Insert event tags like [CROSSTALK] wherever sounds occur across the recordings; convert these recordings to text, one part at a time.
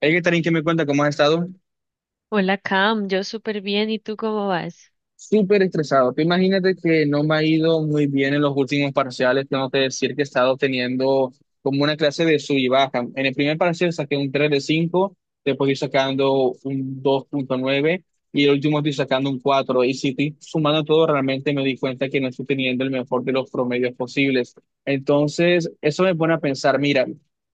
Hey, Catherine, ¿qué me cuenta? ¿Cómo has estado? Hola Cam, yo súper bien, ¿y tú cómo vas? Súper estresado. Tú imagínate que no me ha ido muy bien en los últimos parciales. Tengo que decir que he estado teniendo como una clase de sub y baja. En el primer parcial saqué un 3 de 5, después estoy sacando un 2,9 y el último estoy sacando un 4. Y si estoy sumando todo, realmente me di cuenta que no estoy teniendo el mejor de los promedios posibles. Entonces, eso me pone a pensar, mira,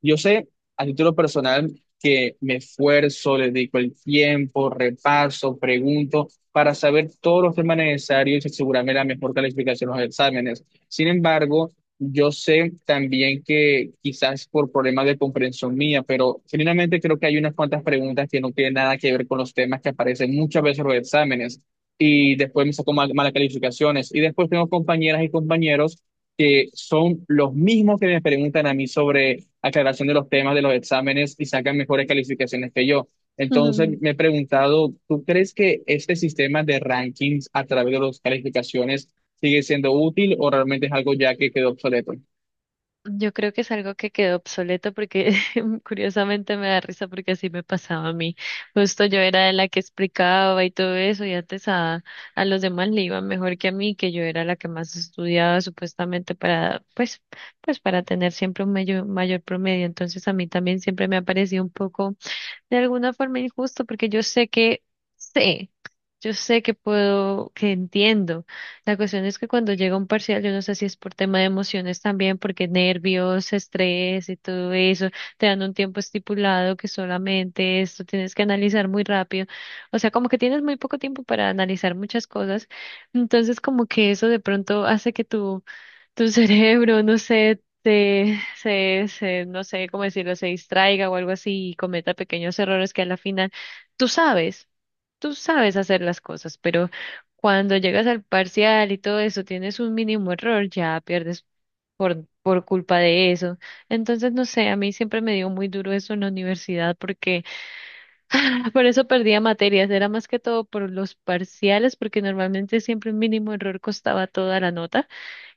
yo sé, a título personal, que me esfuerzo, le dedico el tiempo, repaso, pregunto para saber todos los temas necesarios y asegurarme la mejor calificación en los exámenes. Sin embargo, yo sé también que quizás por problemas de comprensión mía, pero finalmente creo que hay unas cuantas preguntas que no tienen nada que ver con los temas que aparecen muchas veces en los exámenes y después me saco malas calificaciones. Y después tengo compañeras y compañeros que son los mismos que me preguntan a mí sobre aclaración de los temas de los exámenes y sacan mejores calificaciones que yo. Entonces, [LAUGHS] me he preguntado, ¿tú crees que este sistema de rankings a través de las calificaciones sigue siendo útil o realmente es algo ya que quedó obsoleto? Yo creo que es algo que quedó obsoleto porque [LAUGHS] curiosamente me da risa porque así me pasaba a mí. Justo yo era de la que explicaba y todo eso y antes a los demás le iba mejor que a mí, que yo era la que más estudiaba supuestamente para, pues para tener siempre un mayor promedio. Entonces a mí también siempre me ha parecido un poco de alguna forma injusto, porque sé, yo sé que puedo, que entiendo. La cuestión es que cuando llega un parcial, yo no sé si es por tema de emociones también, porque nervios, estrés y todo eso, te dan un tiempo estipulado que solamente esto tienes que analizar muy rápido. O sea, como que tienes muy poco tiempo para analizar muchas cosas. Entonces, como que eso de pronto hace que tu [LAUGHS] cerebro, no sé, no sé cómo decirlo, se distraiga o algo así y cometa pequeños errores que a la final tú sabes, tú sabes hacer las cosas, pero cuando llegas al parcial y todo eso, tienes un mínimo error, ya pierdes por culpa de eso. Entonces, no sé, a mí siempre me dio muy duro eso en la universidad porque [LAUGHS] por eso perdía materias, era más que todo por los parciales, porque normalmente siempre un mínimo error costaba toda la nota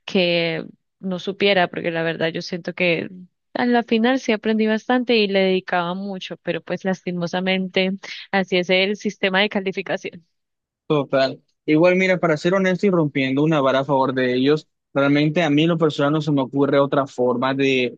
que no supiera, porque la verdad yo siento que a la final sí aprendí bastante y le dedicaba mucho, pero pues lastimosamente así es el sistema de calificación. Total. Igual, mira, para ser honesto y rompiendo una vara a favor de ellos, realmente a mí en lo personal no se me ocurre otra forma de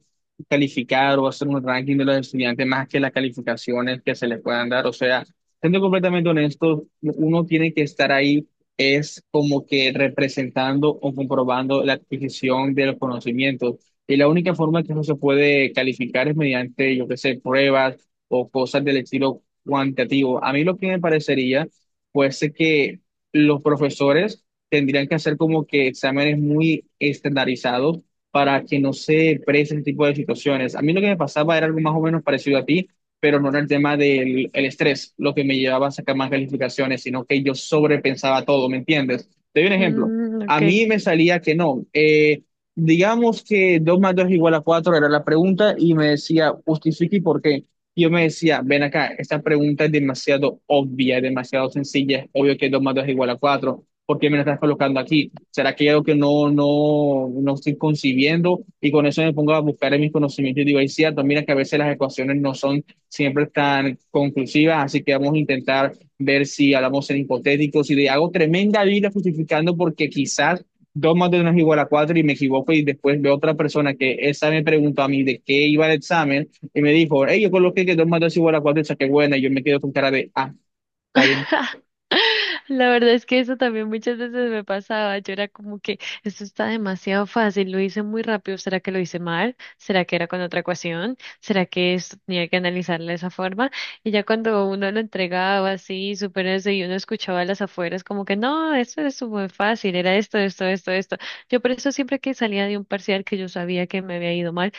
calificar o hacer un ranking de los estudiantes más que las calificaciones que se les puedan dar. O sea, siendo completamente honesto, uno tiene que estar ahí, es como que representando o comprobando la adquisición de los conocimientos. Y la única forma que no se puede calificar es mediante, yo qué sé, pruebas o cosas del estilo cuantitativo. A mí lo que me parecería fuese que los profesores tendrían que hacer como que exámenes muy estandarizados para que no se presen ese tipo de situaciones. A mí lo que me pasaba era algo más o menos parecido a ti, pero no era el tema del el estrés lo que me llevaba a sacar más calificaciones, sino que yo sobrepensaba todo, ¿me entiendes? Te doy un ejemplo. Mm, A ok. mí me salía que no. Digamos que 2 más 2 es igual a 4 era la pregunta y me decía, justifique y por qué. Y yo me decía, ven acá, esta pregunta es demasiado obvia, es demasiado sencilla, es obvio que 2 más 2 es igual a cuatro. ¿Por qué me la estás colocando aquí? ¿Será que hay algo que no, no, no estoy concibiendo? Y con eso me pongo a buscar en mis conocimientos y digo, es cierto, mira que a veces las ecuaciones no son siempre tan conclusivas, así que vamos a intentar ver si hablamos en hipotéticos y le hago tremenda vida justificando porque quizás 2 más 2 no es igual a 4 y me equivoco, y después veo otra persona que esa me preguntó a mí de qué iba el examen y me dijo, hey, yo coloqué que 2 más 2 igual a 4 y saqué buena. Y yo me quedo con cara de, ah, está bien. [LAUGHS] La verdad es que eso también muchas veces me pasaba. Yo era como que esto está demasiado fácil, lo hice muy rápido. ¿Será que lo hice mal? ¿Será que era con otra ecuación? ¿Será que esto tenía que analizarla de esa forma? Y ya cuando uno lo entregaba así, súper ese, y uno escuchaba a las afueras como que no, esto es muy fácil, era esto, esto, esto, esto. Yo por eso siempre que salía de un parcial que yo sabía que me había ido mal,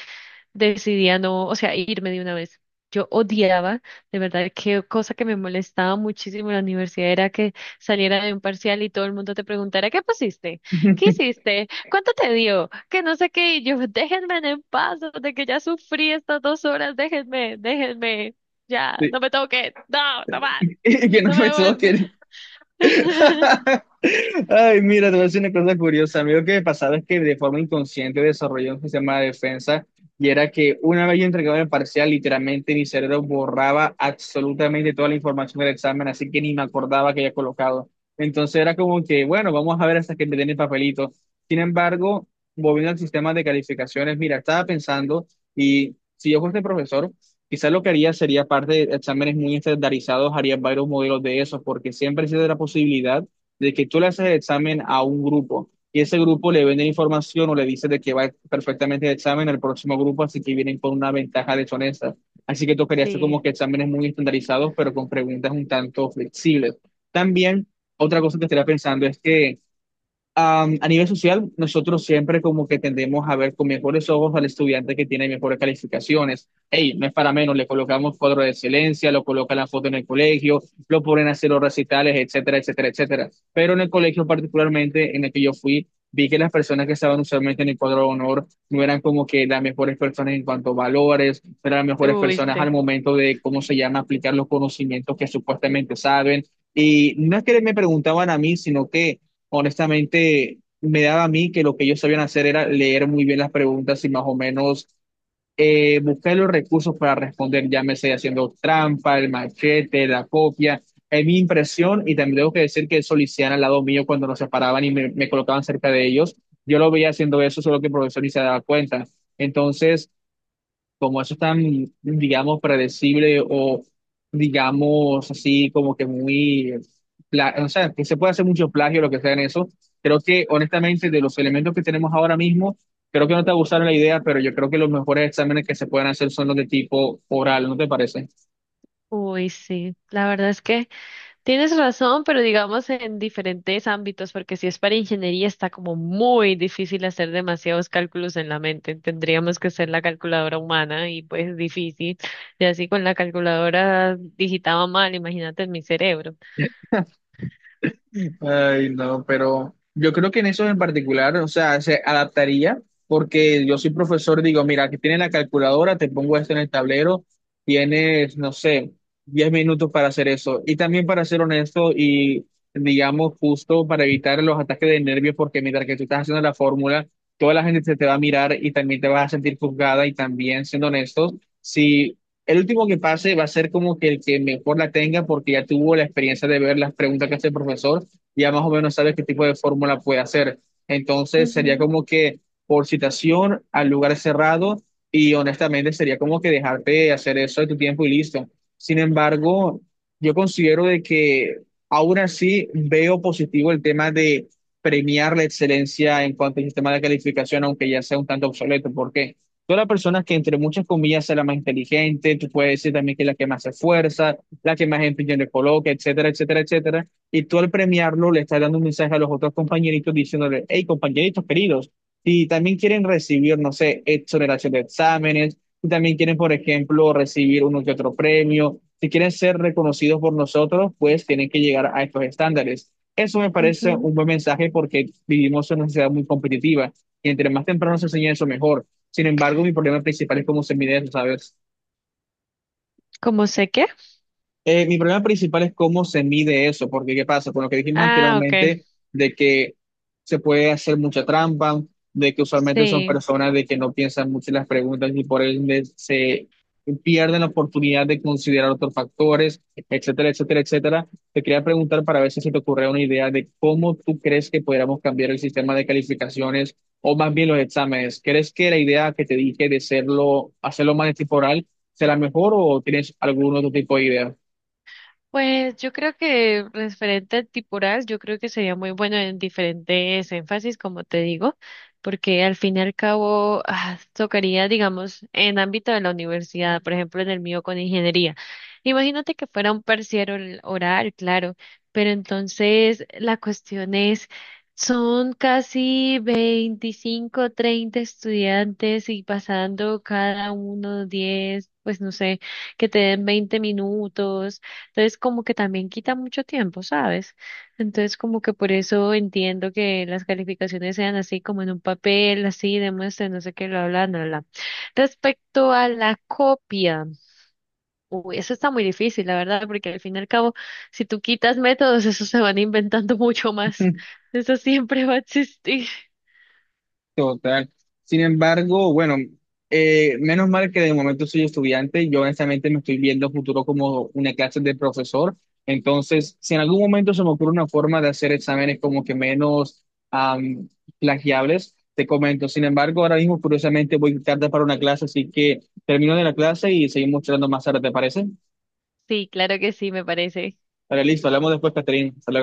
decidí a no, o sea, irme de una vez. Yo odiaba, de verdad, que cosa que me molestaba muchísimo en la universidad era que saliera de un parcial y todo el mundo te preguntara, ¿qué pusiste? ¿Qué [LAUGHS] hiciste? ¿Cuánto te dio? Que no sé qué, y yo, [LAUGHS] déjenme en paz, de que ya sufrí estas 2 horas, déjenme, déjenme, ya, Sí. no me toquen, no, [LAUGHS] no más, Y que no no me me vuelvo. sostiene. [LAUGHS] [LAUGHS] Ay, mira, te voy a decir una cosa curiosa. A mí lo que me pasaba es que de forma inconsciente desarrollé un sistema de defensa y era que una vez yo entregaba el parcial, literalmente mi cerebro borraba absolutamente toda la información del examen, así que ni me acordaba que había colocado. Entonces era como que, bueno, vamos a ver hasta que me den el papelito. Sin embargo, volviendo al sistema de calificaciones, mira, estaba pensando, y si yo fuese profesor, quizás lo que haría sería parte de exámenes muy estandarizados, haría varios modelos de esos, porque siempre existe la posibilidad de que tú le haces el examen a un grupo y ese grupo le vende información o le dice de que va perfectamente el examen al próximo grupo, así que vienen con una ventaja deshonesta. Así que tocaría hacer como Sí, que exámenes muy estandarizados, pero con preguntas un tanto flexibles. También, otra cosa que estaría pensando es que a nivel social, nosotros siempre como que tendemos a ver con mejores ojos al estudiante que tiene mejores calificaciones. Hey, no es para menos, le colocamos cuadro de excelencia, lo colocan la foto en el colegio, lo ponen a hacer los recitales, etcétera, etcétera, etcétera. Pero en el colegio particularmente en el que yo fui, vi que las personas que estaban usualmente en el cuadro de honor no eran como que las mejores personas en cuanto a valores, no eran las mejores uy, personas al sí, momento de, ¿cómo se llama?, aplicar los conocimientos que supuestamente saben. Y no es que me preguntaban a mí, sino que honestamente me daba a mí que lo que ellos sabían hacer era leer muy bien las preguntas y más o menos buscar los recursos para responder, llámese haciendo trampa, el machete, la copia. Es mi impresión, y también tengo que decir que Soliciana al lado mío cuando nos separaban y me colocaban cerca de ellos, yo lo veía haciendo eso, solo que el profesor ni se daba cuenta. Entonces, como eso es tan, digamos, predecible o, digamos, así como que muy, o sea, que se puede hacer mucho plagio, lo que sea en eso, creo que honestamente de los elementos que tenemos ahora mismo, creo que no te gustaron la idea, pero yo creo que los mejores exámenes que se pueden hacer son los de tipo oral, ¿no te parece? uy, sí, la verdad es que... Tienes razón, pero digamos en diferentes ámbitos, porque si es para ingeniería está como muy difícil hacer demasiados cálculos en la mente. Tendríamos que hacer la calculadora humana y pues es difícil. Y así con la calculadora digitaba mal, imagínate en mi cerebro. Ay, no, pero yo creo que en eso en particular, o sea, se adaptaría, porque yo soy profesor, digo, mira, aquí tienes la calculadora, te pongo esto en el tablero, tienes, no sé, 10 minutos para hacer eso. Y también para ser honesto y, digamos, justo para evitar los ataques de nervios, porque mientras que tú estás haciendo la fórmula, toda la gente se te va a mirar y también te vas a sentir juzgada y también, siendo honestos, si. El último que pase va a ser como que el que mejor la tenga porque ya tuvo la experiencia de ver las preguntas que hace el profesor, ya más o menos sabes qué tipo de fórmula puede hacer. Entonces sería Ujú, como que por citación al lugar cerrado, y honestamente sería como que dejarte hacer eso de tu tiempo y listo. Sin embargo, yo considero de que aún así veo positivo el tema de premiar la excelencia en cuanto al sistema de calificación, aunque ya sea un tanto obsoleto. ¿Por qué? Toda la persona que entre muchas comillas es la más inteligente, tú puedes decir también que es la que más se esfuerza, la que más empeño le coloca, etcétera, etcétera, etcétera, y tú al premiarlo le estás dando un mensaje a los otros compañeritos diciéndole, hey, compañeritos queridos, si también quieren recibir, no sé, exoneración de exámenes, si también quieren, por ejemplo, recibir uno que otro premio, si quieren ser reconocidos por nosotros, pues tienen que llegar a estos estándares. Eso me parece ujú. un buen mensaje porque vivimos en una sociedad muy competitiva y entre más temprano se enseña eso, mejor. Sin embargo, mi problema principal es cómo se mide eso, ¿sabes? ¿Cómo sé qué? Mi problema principal es cómo se mide eso, porque ¿qué pasa? Con lo que dijimos Ah, ok. anteriormente, de que se puede hacer mucha trampa, de que usualmente son Sí. personas de que no piensan mucho en las preguntas y por ende se pierden la oportunidad de considerar otros factores, etcétera, etcétera, etcétera. Te quería preguntar para ver si se te ocurre una idea de cómo tú crees que podríamos cambiar el sistema de calificaciones o más bien los exámenes. ¿Crees que la idea que te dije de hacerlo, hacerlo más temporal será mejor o tienes algún otro tipo de idea? Pues yo creo que referente al tipural, yo creo que sería muy bueno en diferentes énfasis, como te digo, porque al fin y al cabo ah, tocaría, digamos, en ámbito de la universidad, por ejemplo, en el mío con ingeniería. Imagínate que fuera un parcial oral, claro, pero entonces la cuestión es, son casi 25 30 estudiantes y pasando cada uno 10 pues no sé, que te den 20 minutos. Entonces, como que también quita mucho tiempo, ¿sabes? Entonces, como que por eso entiendo que las calificaciones sean así, como en un papel, así, demuestre, no sé qué, lo hablan, bla, bla, bla. Respecto a la copia, uy, eso está muy difícil, la verdad, porque al fin y al cabo, si tú quitas métodos, esos se van inventando [LAUGHS] mucho más. [LAUGHS] Eso siempre va a existir. Total. Sin embargo, bueno, menos mal que de momento soy estudiante. Yo honestamente me estoy viendo futuro como una clase de profesor. Entonces, si en algún momento se me ocurre una forma de hacer exámenes como que menos am, plagiables, te comento. Sin embargo, ahora mismo curiosamente voy tarde para una clase, así que termino de la clase y seguimos charlando más tarde, ¿te parece? Sí, claro que sí, me parece. Vale, listo. Hablamos después, Catherine. Hasta luego.